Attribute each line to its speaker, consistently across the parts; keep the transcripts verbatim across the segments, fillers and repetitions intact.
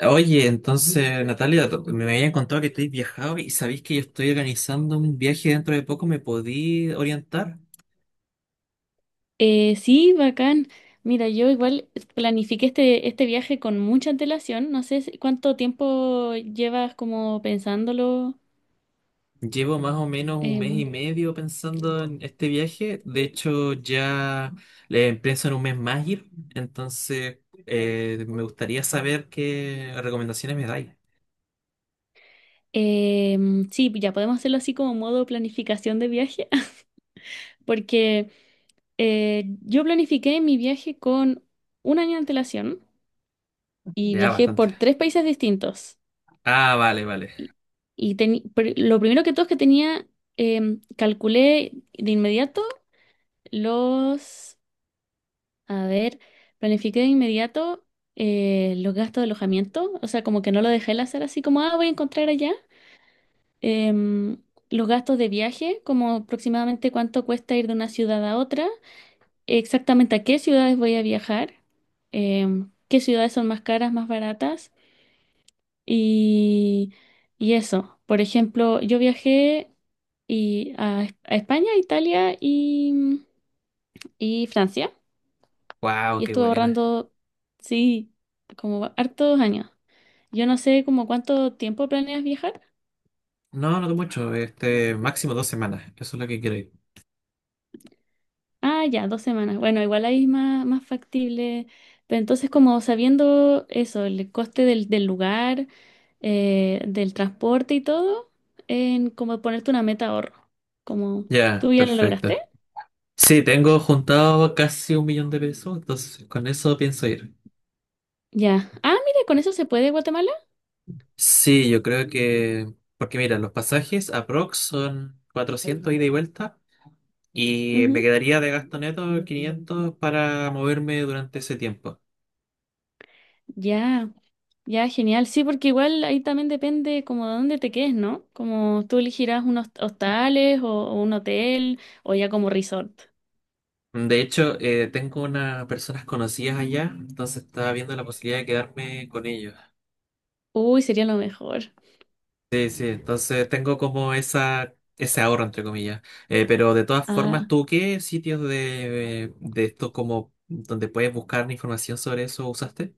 Speaker 1: Oye, entonces, Natalia, to- me habían contado que estáis viajado y sabéis que yo estoy organizando un viaje dentro de poco. ¿Me podí orientar?
Speaker 2: Eh, sí, bacán. Mira, yo igual planifiqué este, este viaje con mucha antelación. No sé si- cuánto tiempo llevas como pensándolo.
Speaker 1: Llevo más o menos un mes y
Speaker 2: Em,
Speaker 1: medio pensando en este viaje. De hecho, ya le pienso en un mes más ir. Entonces, eh, me gustaría saber qué recomendaciones me dais.
Speaker 2: em, sí, ya podemos hacerlo así como modo planificación de viaje, porque eh, yo planifiqué mi viaje con un año de antelación y
Speaker 1: Ya,
Speaker 2: viajé
Speaker 1: bastante.
Speaker 2: por tres países distintos.
Speaker 1: Ah, vale, vale.
Speaker 2: Y, y teni- pr- lo primero que todo es que tenía, em, calculé de inmediato los... A ver, planifiqué de inmediato eh, los gastos de alojamiento, o sea, como que no lo dejé el hacer así como, ah, voy a encontrar allá. Em, los gastos de viaje, como aproximadamente cuánto cuesta ir de una ciudad a otra, exactamente a qué ciudades voy a viajar, em, qué ciudades son más caras, más baratas y, y eso. Por ejemplo, yo viajé y a, a España, Italia y, y Francia.
Speaker 1: Wow,
Speaker 2: Y
Speaker 1: qué
Speaker 2: estuve
Speaker 1: buena.
Speaker 2: ahorrando, sí, como hartos años. Yo no sé como cuánto tiempo planeas viajar.
Speaker 1: No, no mucho. Este, máximo dos semanas. Eso es lo que quiero ir.
Speaker 2: Ah, ya, dos semanas. Bueno, igual ahí es más, más factible. Pero entonces, como sabiendo eso, el coste del, del lugar, eh, del transporte y todo, en como ponerte una meta ahorro. Como tú
Speaker 1: Ya,
Speaker 2: ya lo lograste.
Speaker 1: perfecto. Sí, tengo juntado casi un millón de pesos, entonces con eso pienso ir.
Speaker 2: Ya. Ah, mira, con eso se puede Guatemala.
Speaker 1: Sí, yo creo que. Porque mira, los pasajes aprox son cuatrocientos ida y vuelta y me
Speaker 2: Ujú.
Speaker 1: quedaría de gasto neto quinientos para moverme durante ese tiempo.
Speaker 2: Ya. Ya, genial. Sí, porque igual ahí también depende como de dónde te quedes, ¿no? Como tú elegirás unos hostales o, o un hotel o ya como resort.
Speaker 1: De hecho, eh, tengo unas personas conocidas allá, entonces estaba viendo la posibilidad de quedarme con ellos.
Speaker 2: Uy, sería lo mejor.
Speaker 1: Sí, sí, entonces tengo como esa, ese ahorro, entre comillas. Eh, pero de todas formas,
Speaker 2: Ah,
Speaker 1: ¿tú qué sitios de, de esto como donde puedes buscar información sobre eso usaste?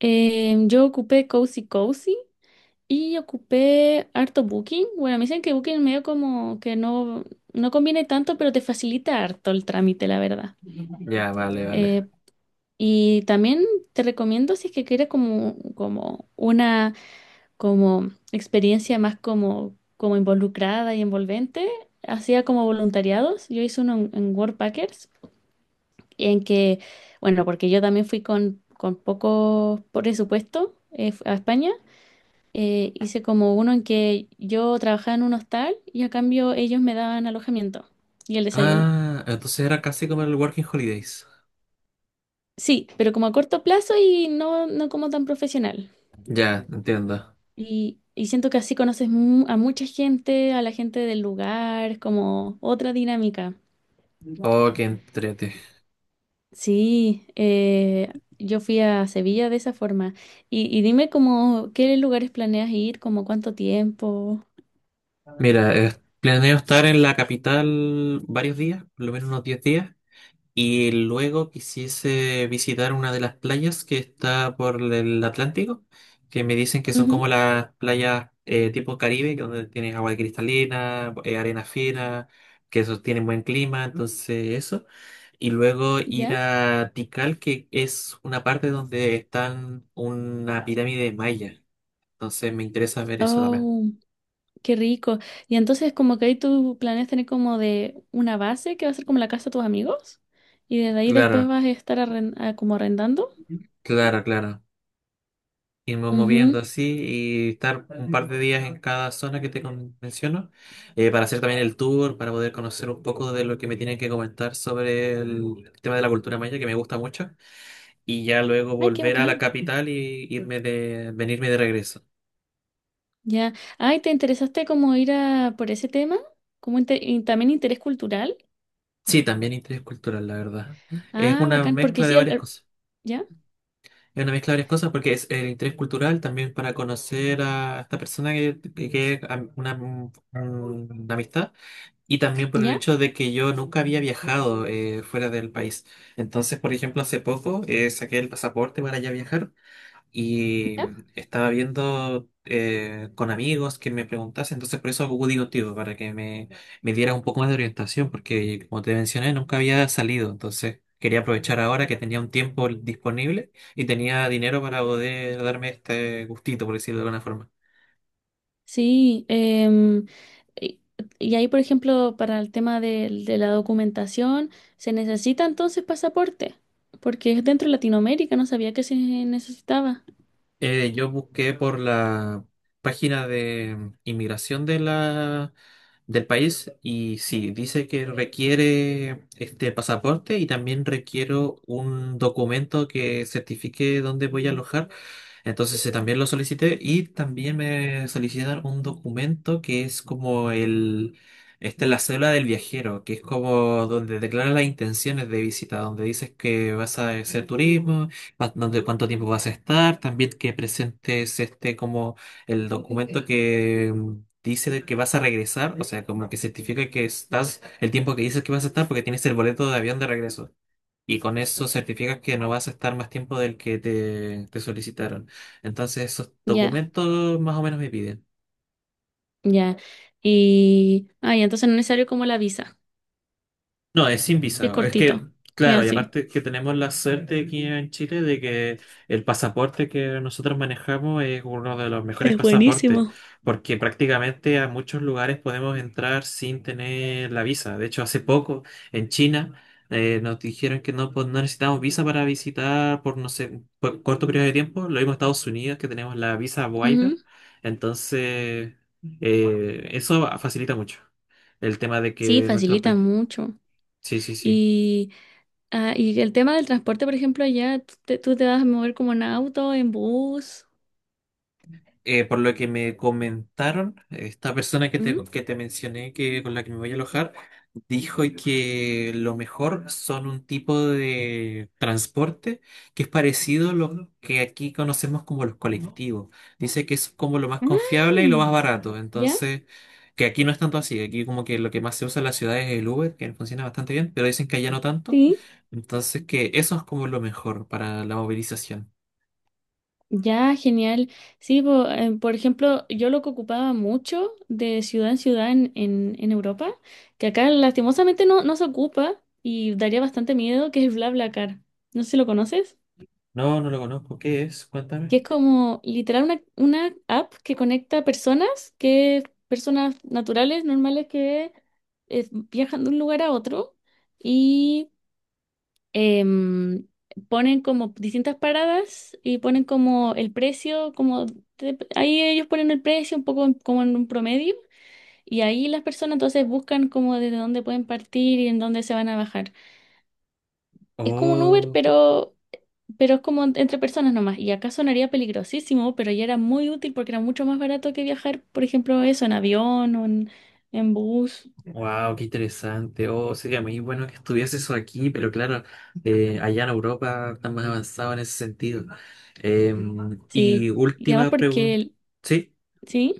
Speaker 2: eh, yo ocupé Cozy Cozy y ocupé harto Booking. Bueno, me dicen que Booking medio como que no, no conviene tanto, pero te facilita harto el trámite, la verdad.
Speaker 1: Ya, vale, vale.
Speaker 2: Eh, y también te recomiendo si es que quieres como, como una como experiencia más como, como involucrada y envolvente, hacía como voluntariados. Yo hice uno en, en Worldpackers, en que, bueno, porque yo también fui con, con poco presupuesto eh, a España. eh, hice como uno en que yo trabajaba en un hostal y a cambio ellos me daban alojamiento y el desayuno.
Speaker 1: Ah, entonces era casi como el Working Holidays.
Speaker 2: Sí, pero como a corto plazo y no, no como tan profesional.
Speaker 1: Ya, entiendo.
Speaker 2: Y, y siento que así conoces mu- a mucha gente, a la gente del lugar, como otra dinámica.
Speaker 1: Oh, qué entrete.
Speaker 2: Sí, eh, yo fui a Sevilla de esa forma. Y, y dime como, ¿qué lugares planeas ir? ¿Como cuánto tiempo?
Speaker 1: Mira, eh, planeo estar en la capital varios días, por lo menos unos diez días. Y luego quisiese visitar una de las playas que está por el Atlántico, que me dicen que son como
Speaker 2: Ujú.
Speaker 1: las playas eh, tipo Caribe, que donde tienes agua cristalina, eh, arena fina, que eso tienen buen clima, entonces eso. Y luego ir
Speaker 2: ¿Ya?
Speaker 1: a Tikal, que es una parte donde están una pirámide maya. Entonces me interesa ver eso también.
Speaker 2: Oh, qué rico. Y entonces como que ahí tú planeas tener como de una base que va a ser como la casa de tus amigos. Y desde ahí después
Speaker 1: Claro,
Speaker 2: vas a estar arren- ah, como arrendando.
Speaker 1: claro, claro, irnos moviendo
Speaker 2: Ujú.
Speaker 1: así y estar un par de días en cada zona que te con- menciono eh, para hacer también el tour, para poder conocer un poco de lo que me tienen que comentar sobre el tema de la cultura maya, que me gusta mucho, y ya luego
Speaker 2: Ay, qué
Speaker 1: volver a la
Speaker 2: bacán.
Speaker 1: capital y irme de, venirme de regreso.
Speaker 2: Ya. Ay, ¿te interesaste como ir a por ese tema? Como inte- y también interés cultural.
Speaker 1: Sí, también interés cultural, la verdad. Es
Speaker 2: Ah,
Speaker 1: una
Speaker 2: bacán, porque
Speaker 1: mezcla de
Speaker 2: sí, el-
Speaker 1: varias
Speaker 2: el-
Speaker 1: cosas.
Speaker 2: ya,
Speaker 1: Es una mezcla de varias cosas porque es el interés cultural también para conocer a esta persona que, que es am- una, un- una amistad. Y también por el
Speaker 2: ya,
Speaker 1: hecho de que yo nunca había viajado eh, fuera del país. Entonces, por ejemplo, hace poco eh, saqué el pasaporte para ya viajar y
Speaker 2: ya.
Speaker 1: estaba viendo eh, con amigos que me preguntasen. Entonces, por eso acudí contigo, para que me, me diera un poco más de orientación, porque como te mencioné, nunca había salido. Entonces, quería aprovechar ahora que tenía un tiempo disponible y tenía dinero para poder darme este gustito, por decirlo de alguna forma.
Speaker 2: Sí, em, y, y ahí, por ejemplo, para el tema del- de, la documentación, se necesita entonces pasaporte, porque es dentro de Latinoamérica, no sabía que se necesitaba.
Speaker 1: Eh, yo busqué por la página de inmigración de la, del país y sí, dice que requiere este pasaporte y también requiero un documento que certifique dónde voy a alojar, entonces eh, también lo solicité y también me solicitaron un documento que es como el, esta es la cédula del viajero, que es como donde declaras las intenciones de visita, donde dices que vas a hacer turismo, pa- donde cuánto tiempo vas a estar, también que presentes este como el documento que mm, dice de que vas a regresar, o sea, como que certifica que estás el tiempo que dices que vas a estar porque tienes el boleto de avión de regreso. Y con eso certificas que no vas a estar más tiempo del que te, te solicitaron. Entonces, esos
Speaker 2: Ya,
Speaker 1: documentos más o menos me piden.
Speaker 2: ya. Y, ay, entonces no es necesario como la visa,
Speaker 1: No, es sin
Speaker 2: que es
Speaker 1: visa. Es que,
Speaker 2: cortito. Ya,
Speaker 1: claro, y
Speaker 2: sí.
Speaker 1: aparte que tenemos la suerte aquí en Chile de que el pasaporte que nosotros manejamos es uno de los mejores
Speaker 2: Es
Speaker 1: pasaportes,
Speaker 2: buenísimo.
Speaker 1: porque prácticamente a muchos lugares podemos entrar sin tener la visa. De hecho, hace poco en China eh, nos dijeron que no, po- no necesitamos visa para visitar por, no sé, por corto periodo de tiempo. Lo mismo en Estados Unidos, que tenemos la visa
Speaker 2: Ujú.
Speaker 1: waiver. Entonces, eh, eso facilita mucho el tema de
Speaker 2: Sí,
Speaker 1: que nuestro
Speaker 2: facilita
Speaker 1: país.
Speaker 2: mucho.
Speaker 1: Sí, sí, sí.
Speaker 2: Y Ah, y el tema del transporte, por ejemplo, allá tú te, tú te vas a mover como en auto, en bus,
Speaker 1: Eh, por lo que me comentaron, esta persona que te,
Speaker 2: ¿Mm?
Speaker 1: que te mencioné, que con la que me voy a alojar, dijo que lo mejor son un tipo de transporte que es parecido a lo que aquí conocemos como los colectivos. Dice que es como lo más confiable y lo más
Speaker 2: Mm,
Speaker 1: barato.
Speaker 2: ¿ya?
Speaker 1: Entonces, que aquí no es tanto así. Aquí como que lo que más se usa en la ciudad es el Uber, que funciona bastante bien, pero dicen que allá no tanto.
Speaker 2: Sí.
Speaker 1: Entonces, que eso es como lo mejor para la movilización.
Speaker 2: Ya, genial. Sí, po- eh, por ejemplo, yo lo que ocupaba mucho de ciudad en ciudad en, en, en Europa, que acá lastimosamente no, no se ocupa y daría bastante miedo, que es BlaBlaCar. No sé si lo conoces.
Speaker 1: No, no lo conozco. ¿Qué es?
Speaker 2: Que
Speaker 1: Cuéntame.
Speaker 2: es como literal una, una app que conecta personas, que personas naturales, normales, que eh, viajan de un lugar a otro y em, ponen como distintas paradas y ponen como el precio, como de- ahí ellos ponen el precio un poco en- como en un promedio y ahí las personas entonces buscan como desde dónde pueden partir y en dónde se van a bajar. Es como un Uber,
Speaker 1: Oh,
Speaker 2: pero, pero es como en- entre personas nomás. Y acá sonaría peligrosísimo, pero ya era muy útil porque era mucho más barato que viajar, por ejemplo, eso, en avión o en, en bus.
Speaker 1: wow, qué interesante. Oh, sería muy bueno que estuviese eso aquí, pero claro, eh, allá en Europa están más avanzados en ese sentido. Eh, y
Speaker 2: Sí. Y además
Speaker 1: última
Speaker 2: porque,
Speaker 1: pregunta.
Speaker 2: el-
Speaker 1: Sí,
Speaker 2: ¿sí?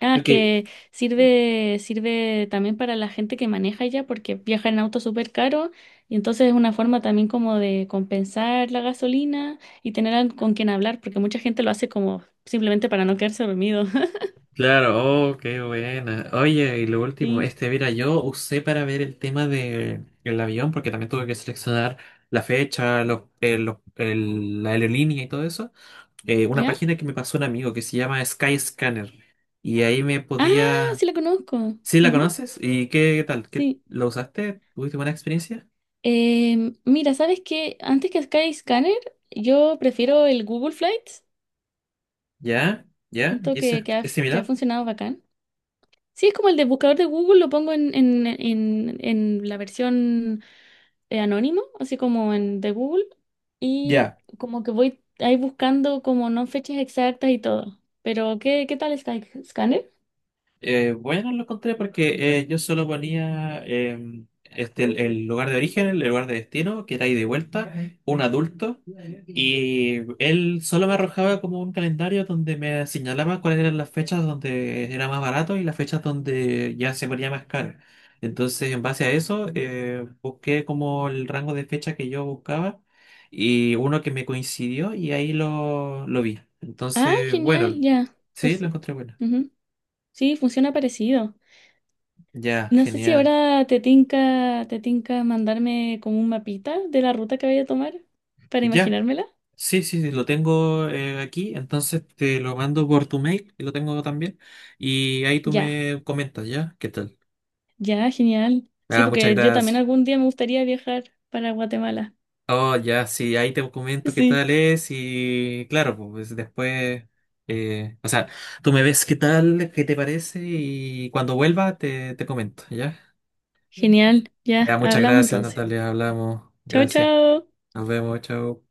Speaker 2: Ah, es
Speaker 1: ok,
Speaker 2: que sirve, sirve también para la gente que maneja ya, porque viaja en auto súper caro. Y entonces es una forma también como de compensar la gasolina y tener al- con quien hablar, porque mucha gente lo hace como simplemente para no quedarse dormido.
Speaker 1: claro, oh, qué buena. Oye, y lo último,
Speaker 2: Sí.
Speaker 1: este, mira, yo usé para ver el tema de el avión, porque también tuve que seleccionar la fecha, los, eh, los- el- la aerolínea y todo eso. Eh, una
Speaker 2: ¿Ya?
Speaker 1: página que me pasó un amigo que se llama Skyscanner. Y ahí me
Speaker 2: Ah,
Speaker 1: podía.
Speaker 2: sí la conozco.
Speaker 1: ¿Sí la
Speaker 2: Ujú,
Speaker 1: conoces? ¿Y qué, qué tal? ¿Qué,
Speaker 2: sí.
Speaker 1: la usaste? ¿Tuviste buena experiencia?
Speaker 2: Eh, mira, ¿sabes qué? Antes que Skyscanner, yo prefiero el Google Flights.
Speaker 1: ¿Ya? ¿Ya?
Speaker 2: Siento
Speaker 1: ¿Y eso
Speaker 2: que,
Speaker 1: es,
Speaker 2: que ha,
Speaker 1: es
Speaker 2: f- que ha
Speaker 1: similar?
Speaker 2: funcionado bacán. Sí, es como el de buscador de Google, lo pongo en, en, en, en la versión eh, anónimo, así como en de Google. Y
Speaker 1: Ya.
Speaker 2: como que voy ahí buscando como no fechas exactas y todo. Pero, ¿qué, qué tal Skyscanner?
Speaker 1: Eh, bueno, lo encontré porque eh, yo solo ponía em, este, el, el lugar de origen, el lugar de destino, que era ahí de vuelta, un adulto, y él solo me arrojaba como un calendario donde me señalaba cuáles eran las fechas donde era más barato y las fechas donde ya se ponía más caro. Entonces, en base a eso, eh, busqué como el rango de fecha que yo buscaba y uno que me coincidió y ahí lo, lo vi.
Speaker 2: Ah,
Speaker 1: Entonces,
Speaker 2: genial,
Speaker 1: bueno,
Speaker 2: ya.
Speaker 1: sí, lo
Speaker 2: Pues,
Speaker 1: encontré bueno.
Speaker 2: ujú. Sí, funciona parecido.
Speaker 1: Ya,
Speaker 2: No sé si
Speaker 1: genial.
Speaker 2: ahora te tinca, te tinca mandarme como un mapita de la ruta que vaya a tomar para
Speaker 1: Ya,
Speaker 2: imaginármela.
Speaker 1: sí, sí, sí, lo tengo eh, aquí, entonces te lo mando por tu mail, y lo tengo también, y ahí tú
Speaker 2: Ya,
Speaker 1: me comentas, ¿ya? ¿Qué tal?
Speaker 2: ya, genial. Sí,
Speaker 1: Ah, muchas
Speaker 2: porque yo también
Speaker 1: gracias.
Speaker 2: algún día me gustaría viajar para Guatemala.
Speaker 1: Oh, ya, sí, ahí te comento qué
Speaker 2: Sí,
Speaker 1: tal es y claro, pues después, eh, o sea, tú me ves qué tal, qué te parece y cuando vuelva te, te comento, ¿ya?
Speaker 2: genial.
Speaker 1: Ya,
Speaker 2: Ya,
Speaker 1: muchas
Speaker 2: hablamos
Speaker 1: gracias,
Speaker 2: entonces.
Speaker 1: Natalia, hablamos,
Speaker 2: Chao,
Speaker 1: gracias.
Speaker 2: chao.
Speaker 1: Nos vemos, chao.